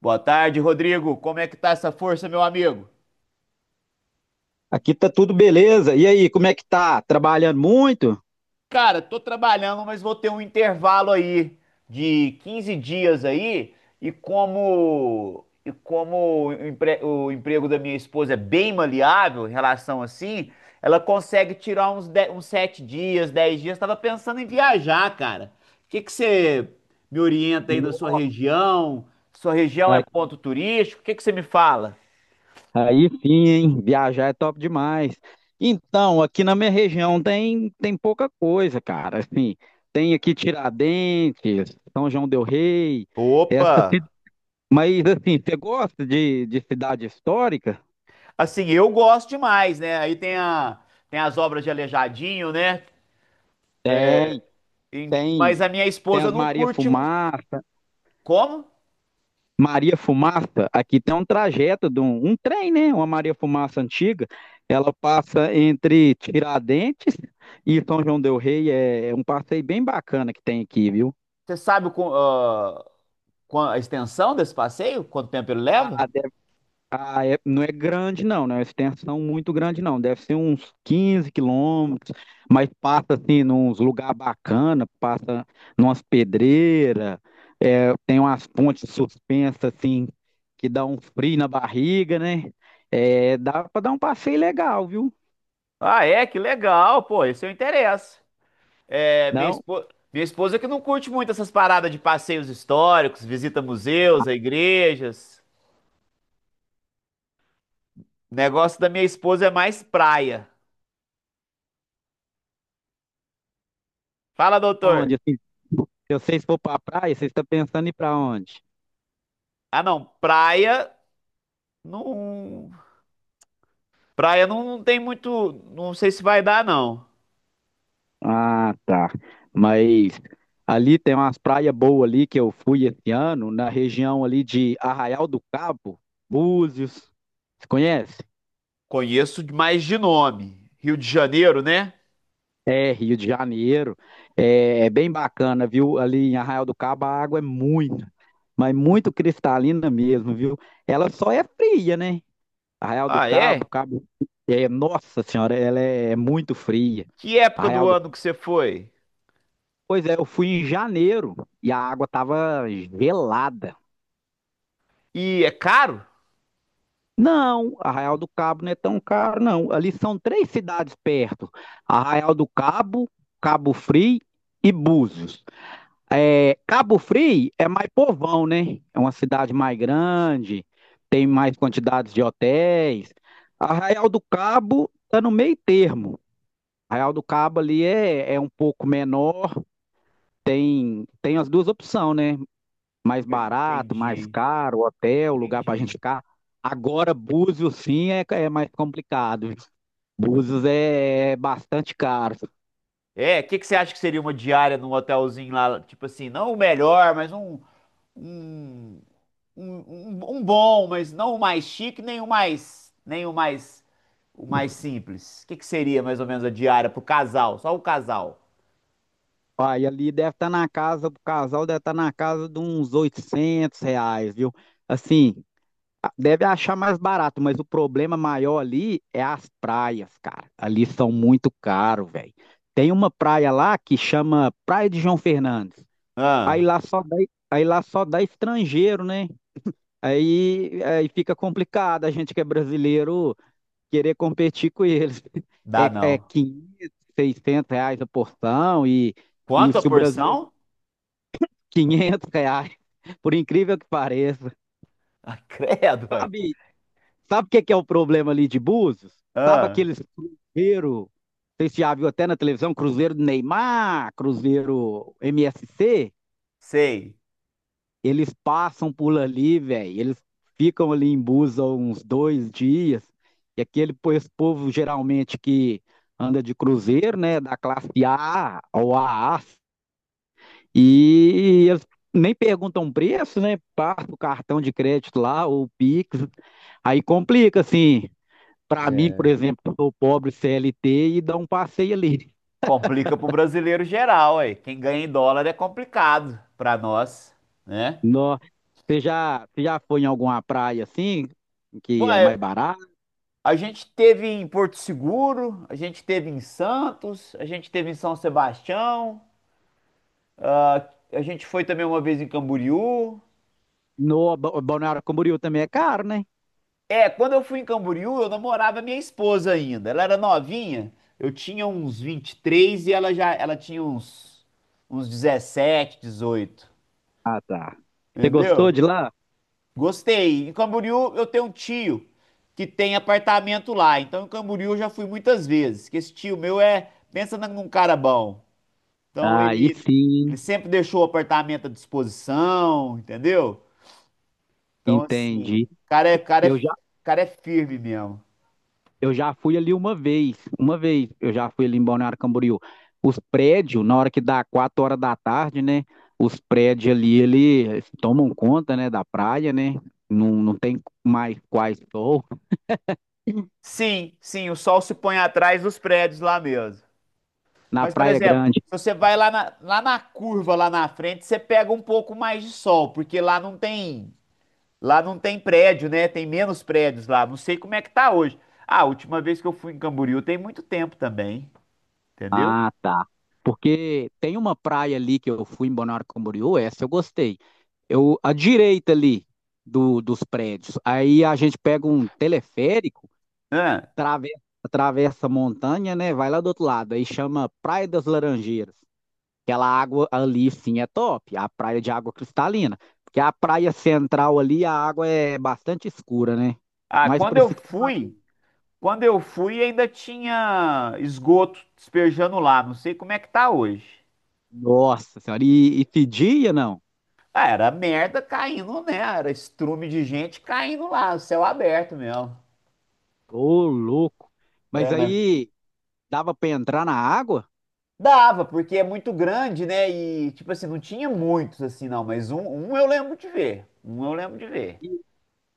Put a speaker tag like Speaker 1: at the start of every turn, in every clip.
Speaker 1: Boa tarde, Rodrigo. Como é que tá essa força, meu amigo?
Speaker 2: Aqui tá tudo beleza. E aí, como é que tá? Trabalhando muito?
Speaker 1: Cara, tô trabalhando, mas vou ter um intervalo aí de 15 dias aí, o emprego da minha esposa é bem maleável em relação assim, ela consegue tirar uns 7 dias, 10 dias. Tava pensando em viajar, cara. O que que você me orienta aí na sua
Speaker 2: No-
Speaker 1: região? Sua região é
Speaker 2: Aí,
Speaker 1: ponto turístico? O que que você me fala?
Speaker 2: aí sim, hein? Viajar é top demais. Então, aqui na minha região tem pouca coisa, cara. Assim, tem aqui Tiradentes, São João del Rei,
Speaker 1: Opa!
Speaker 2: essa, ci- mas assim, você gosta de cidade histórica?
Speaker 1: Assim, eu gosto demais, né? Tem as obras de Aleijadinho, né?
Speaker 2: Tem, tem,
Speaker 1: Mas a minha
Speaker 2: tem
Speaker 1: esposa
Speaker 2: as
Speaker 1: não
Speaker 2: Maria
Speaker 1: curte.
Speaker 2: Fumaça.
Speaker 1: Como?
Speaker 2: Maria Fumaça, aqui tem um trajeto de um trem, né? Uma Maria Fumaça antiga. Ela passa entre Tiradentes e São João del Rei. É, é um passeio bem bacana que tem aqui, viu?
Speaker 1: Você sabe o qu- ah, qua- a extensão desse passeio? Quanto tempo ele
Speaker 2: A,
Speaker 1: leva?
Speaker 2: a de- não é grande, não é uma extensão muito grande, não. Deve ser uns 15 km, mas passa assim, nos lugar bacana, passa numas pedreiras, é, tem umas pontes suspensas, assim, que dá um frio na barriga, né? É, dá para dar um passeio legal, viu?
Speaker 1: Ah, é? Que legal, pô. Esse eu interessa. É, minha
Speaker 2: Não?
Speaker 1: esposa, minha esposa que não curte muito essas paradas de passeios históricos, visita museus, a igrejas. O negócio da minha esposa é mais praia. Fala, doutor.
Speaker 2: Onde, assim, se vocês for para praia, vocês estão pensando em ir para onde?
Speaker 1: Ah, não. Não. Praia não, não tem muito. Não sei se vai dar, não.
Speaker 2: Ah, tá. Mas ali tem umas praias boas ali que eu fui esse ano, na região ali de Arraial do Cabo, Búzios. Você conhece?
Speaker 1: Conheço mais de nome. Rio de Janeiro, né?
Speaker 2: É, Rio de Janeiro. É, é bem bacana, viu? Ali em Arraial do Cabo a água é muito, mas muito cristalina mesmo, viu? Ela só é fria, né? Arraial do
Speaker 1: Ah,
Speaker 2: Cabo,
Speaker 1: é?
Speaker 2: Cabo. É, nossa senhora, ela é muito fria.
Speaker 1: Que época
Speaker 2: Arraial
Speaker 1: do
Speaker 2: do
Speaker 1: ano que você foi?
Speaker 2: Pois é, eu fui em janeiro e a água tava gelada.
Speaker 1: E é caro?
Speaker 2: Não, Arraial do Cabo não é tão caro, não. Ali são três cidades perto: Arraial do Cabo, Cabo Frio e Búzios. É, Cabo Frio é mais povão, né? É uma cidade mais grande, tem mais quantidades de hotéis. Arraial do Cabo está no meio termo. Arraial do Cabo ali é um pouco menor, tem as duas opções, né? Mais
Speaker 1: Eu
Speaker 2: barato, mais
Speaker 1: Entendi,
Speaker 2: caro, hotel, lugar para a gente
Speaker 1: entendi.
Speaker 2: ficar. Agora, Búzios, sim, é mais complicado. Búzios é bastante caro.
Speaker 1: É, o que que você acha que seria uma diária num hotelzinho lá? Tipo assim, não o melhor, mas um, um, um bom, mas não o mais chique, nem o mais, nem o mais, o mais simples. O que que seria mais ou menos a diária pro casal? Só o casal?
Speaker 2: Aí ali deve estar na casa, o casal deve estar na casa de uns R$ 800, viu? Assim, deve achar mais barato, mas o problema maior ali é as praias, cara. Ali são muito caro, velho. Tem uma praia lá que chama Praia de João Fernandes. Aí
Speaker 1: Ah,
Speaker 2: lá só dá, aí lá só dá estrangeiro, né? Aí fica complicado a gente que é brasileiro querer competir com eles.
Speaker 1: dá
Speaker 2: É, é
Speaker 1: não.
Speaker 2: R$ 500 R$ 600 a porção e
Speaker 1: Quanto a
Speaker 2: se o brasileiro
Speaker 1: porção?
Speaker 2: R$ 500, por incrível que pareça.
Speaker 1: Ah, credo, ué.
Speaker 2: Sabe, sabe o que que é o problema ali de Búzios? Sabe
Speaker 1: Ah,
Speaker 2: aqueles cruzeiro, vocês já viu até na televisão, cruzeiro do Neymar, cruzeiro MSC?
Speaker 1: sei.
Speaker 2: Eles passam por ali, velho. Eles ficam ali em Busa uns dois dias. E esse povo geralmente que anda de cruzeiro, né? Da classe A ou A. E eles nem perguntam preço, né? Passa o cartão de crédito lá ou o Pix. Aí complica, assim. Pra mim, por
Speaker 1: É.
Speaker 2: exemplo, que sou pobre CLT e dá um passeio ali.
Speaker 1: Complica pro brasileiro geral, ué. Quem ganha em dólar é complicado pra nós, né?
Speaker 2: Nó. Você já foi em alguma praia assim, que é
Speaker 1: Ué,
Speaker 2: mais barata?
Speaker 1: a gente teve em Porto Seguro, a gente teve em Santos, a gente teve em São Sebastião, ah, a gente foi também uma vez em Camboriú.
Speaker 2: No Ba- Balneário Camboriú também é caro, né?
Speaker 1: É, quando eu fui em Camboriú, eu namorava minha esposa ainda. Ela era novinha, eu tinha uns 23 ela tinha uns 17, 18.
Speaker 2: Ah, tá. Você gostou de
Speaker 1: Entendeu?
Speaker 2: lá?
Speaker 1: Gostei. Em Camboriú eu tenho um tio que tem apartamento lá. Então em Camboriú eu já fui muitas vezes. Que esse tio meu é, pensa num cara bom. Então
Speaker 2: Aí
Speaker 1: ele
Speaker 2: sim,
Speaker 1: sempre deixou o apartamento à disposição, entendeu? Então
Speaker 2: entendi.
Speaker 1: assim,
Speaker 2: Eu
Speaker 1: o
Speaker 2: já,
Speaker 1: cara é firme mesmo.
Speaker 2: eu já fui ali uma vez eu já fui ali em Balneário Camboriú. Os prédios, na hora que dá 4 horas da tarde, né? Os prédios ali, eles tomam conta, né, da praia, né? Não tem mais quais sou.
Speaker 1: Sim, sim, o sol se põe atrás dos prédios lá mesmo.
Speaker 2: Na
Speaker 1: Mas, por
Speaker 2: Praia
Speaker 1: exemplo,
Speaker 2: Grande.
Speaker 1: se você vai lá na curva, lá na frente, você pega um pouco mais de sol, porque lá não tem. Lá não tem prédio, né? Tem menos prédios lá. Não sei como é que tá hoje. Ah, a última vez que eu fui em Camboriú tem muito tempo também, entendeu?
Speaker 2: Ah, tá. Porque tem uma praia ali que eu fui em Balneário Camboriú, essa eu gostei. Eu, à direita ali dos prédios. Aí a gente pega um teleférico,
Speaker 1: Ah,
Speaker 2: trave- atravessa a montanha, né? Vai lá do outro lado. Aí chama Praia das Laranjeiras. Aquela água ali, sim, é top. A praia de água cristalina. Porque a praia central ali, a água é bastante escura, né?
Speaker 1: ah,
Speaker 2: Mais
Speaker 1: quando eu
Speaker 2: parecido com lagoa.
Speaker 1: fui, quando eu fui ainda tinha esgoto despejando lá. Não sei como é que tá hoje.
Speaker 2: Nossa senhora, e de dia não?
Speaker 1: Ah, era merda caindo, né? Era estrume de gente caindo lá, céu aberto mesmo.
Speaker 2: Ô, louco.
Speaker 1: É,
Speaker 2: Mas
Speaker 1: mas
Speaker 2: aí dava pra entrar na água?
Speaker 1: dava, porque é muito grande, né? E tipo assim, não tinha muitos assim não, mas um eu lembro de ver. Um eu lembro de ver.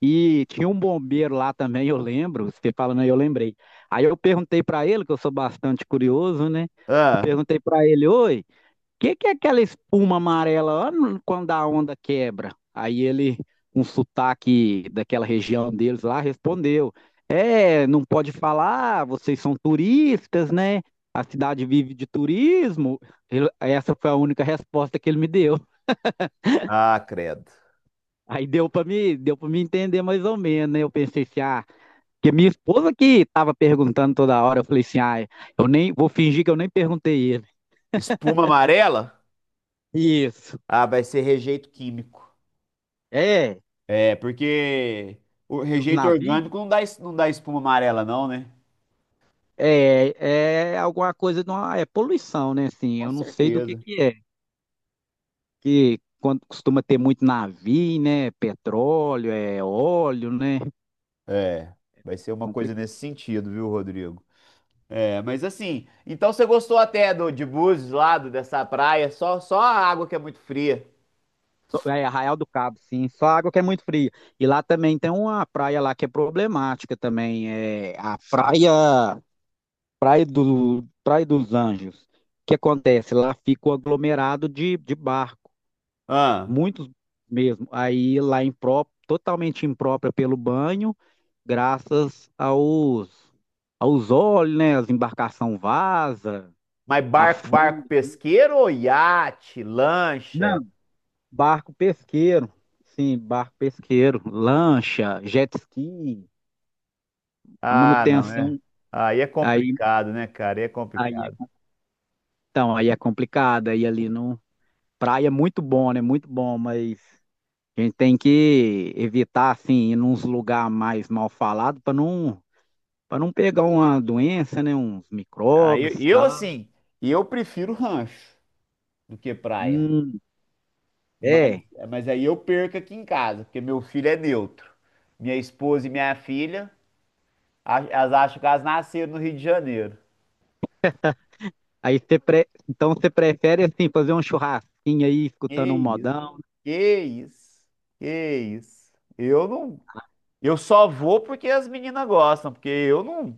Speaker 2: E tinha um bombeiro lá também, eu lembro, você falando aí, eu lembrei. Aí eu perguntei para ele, que eu sou bastante curioso, né? Eu
Speaker 1: Ah.
Speaker 2: perguntei para ele, oi, o que que é aquela espuma amarela lá no- quando a onda quebra? Aí ele, um sotaque daquela região deles lá, respondeu: É, não pode falar, vocês são turistas, né? A cidade vive de turismo. Essa foi a única resposta que ele me deu.
Speaker 1: Ah, credo.
Speaker 2: Aí deu para me entender mais ou menos, né? Eu pensei assim, ah. Que minha esposa que tava perguntando toda hora, eu falei assim, ah, eu nem vou fingir que eu nem perguntei ele.
Speaker 1: Espuma amarela?
Speaker 2: Isso.
Speaker 1: Ah, vai ser rejeito químico.
Speaker 2: É,
Speaker 1: É, porque o
Speaker 2: os
Speaker 1: rejeito
Speaker 2: navios
Speaker 1: orgânico não dá espuma amarela, não, né?
Speaker 2: é alguma coisa, é poluição, né? Assim,
Speaker 1: Com
Speaker 2: eu não sei do
Speaker 1: certeza.
Speaker 2: que é. Que quando costuma ter muito navio, né? Petróleo, é óleo, né?
Speaker 1: É, vai ser uma coisa
Speaker 2: Complicado.
Speaker 1: nesse sentido, viu, Rodrigo? É, mas assim, então você gostou até do de Búzios lá, dessa praia, só a água que é muito fria.
Speaker 2: É Arraial do Cabo, sim. Só água que é muito fria. E lá também tem uma praia lá que é problemática também. É a praia. Praia dos Anjos. O que acontece? Lá fica o aglomerado de barco,
Speaker 1: Ah,
Speaker 2: muitos mesmo. Totalmente imprópria pelo banho, graças aos, aos olhos, né? As embarcações vaza,
Speaker 1: mas
Speaker 2: afunda.
Speaker 1: barco pesqueiro ou iate, lancha?
Speaker 2: Não, barco pesqueiro. Sim, barco pesqueiro, lancha, jet ski, a
Speaker 1: Ah, não, é.
Speaker 2: manutenção.
Speaker 1: Aí é
Speaker 2: Aí,
Speaker 1: complicado, né, cara? Aí é
Speaker 2: aí,
Speaker 1: complicado.
Speaker 2: então, aí é complicado. Aí ali no praia é muito bom, né? Muito bom, mas a gente tem que evitar, assim, ir nos lugares mais mal falados para não pegar uma doença, né? Uns
Speaker 1: Aí
Speaker 2: micróbios e
Speaker 1: eu
Speaker 2: tal.
Speaker 1: assim, eu prefiro rancho do que praia.
Speaker 2: Hum,
Speaker 1: Mas,
Speaker 2: é.
Speaker 1: mas aí eu perco aqui em casa, porque meu filho é neutro. Minha esposa e minha filha elas acham que elas nasceram no Rio de Janeiro.
Speaker 2: Aí você pre... Então você prefere, assim, fazer um churrasquinho aí,
Speaker 1: Que
Speaker 2: escutando um
Speaker 1: isso,
Speaker 2: modão,
Speaker 1: que isso, que isso. Eu não, Eu só vou porque as meninas gostam, porque eu não,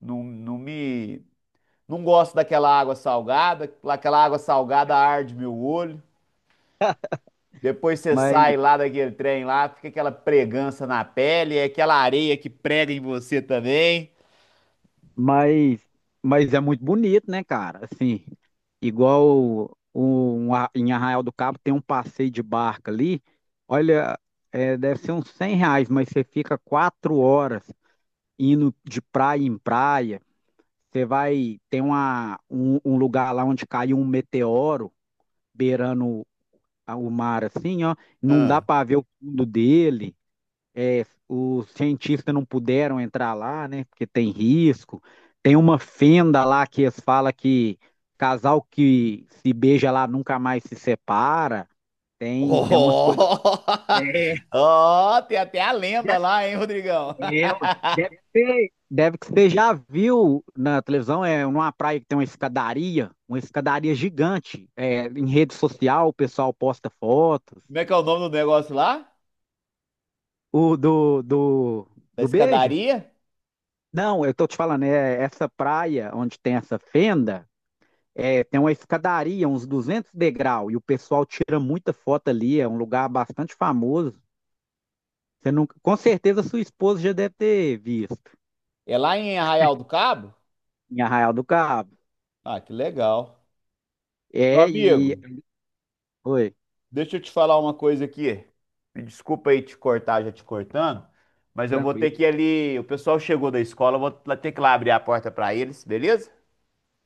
Speaker 1: não, não me, não gosto daquela água salgada, aquela água salgada arde meu olho. Depois você
Speaker 2: mas,
Speaker 1: sai lá daquele trem lá, fica aquela pregança na pele, é aquela areia que prega em você também.
Speaker 2: mas, mas é muito bonito, né, cara? Assim, igual o- o- em Arraial do Cabo tem um passeio de barca ali. Olha, é, deve ser uns R$ 100, mas você fica 4 horas indo de praia em praia, você vai tem um lugar lá onde caiu um meteoro beirando o mar assim, ó, não dá
Speaker 1: Ah.
Speaker 2: para ver o fundo dele. É, os cientistas não puderam entrar lá, né? Porque tem risco. Tem uma fenda lá que eles falam que casal que se beija lá nunca mais se separa. Tem umas coisas.
Speaker 1: Oh,
Speaker 2: É.
Speaker 1: oh, tem até a lenda lá, hein, Rodrigão?
Speaker 2: É, ué. Deve ser, deve que você já viu na televisão, é numa praia que tem uma escadaria gigante. É, em rede social, o pessoal posta fotos.
Speaker 1: Como é que é o nome do negócio lá?
Speaker 2: O do, do,
Speaker 1: Da
Speaker 2: do beijo?
Speaker 1: escadaria?
Speaker 2: Não, eu tô te falando, é essa praia onde tem essa fenda, é, tem uma escadaria, uns 200 degraus, e o pessoal tira muita foto ali, é um lugar bastante famoso. Você nunca, com certeza sua esposa já deve ter visto
Speaker 1: É lá em Arraial do Cabo?
Speaker 2: em Arraial do Cabo.
Speaker 1: Ah, que legal. Meu
Speaker 2: É, e.
Speaker 1: amigo,
Speaker 2: Oi,
Speaker 1: deixa eu te falar uma coisa aqui. Me desculpa aí te cortar, já te cortando, mas eu vou ter
Speaker 2: tranquilo.
Speaker 1: que ir ali. O pessoal chegou da escola, eu vou lá ter que lá abrir a porta pra eles, beleza?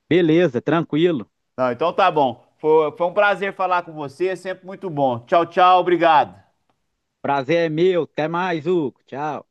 Speaker 2: Beleza, tranquilo.
Speaker 1: Não, então tá bom. Foi um prazer falar com você, sempre muito bom. Tchau, tchau, obrigado.
Speaker 2: Prazer é meu. Até mais, Hugo. Tchau.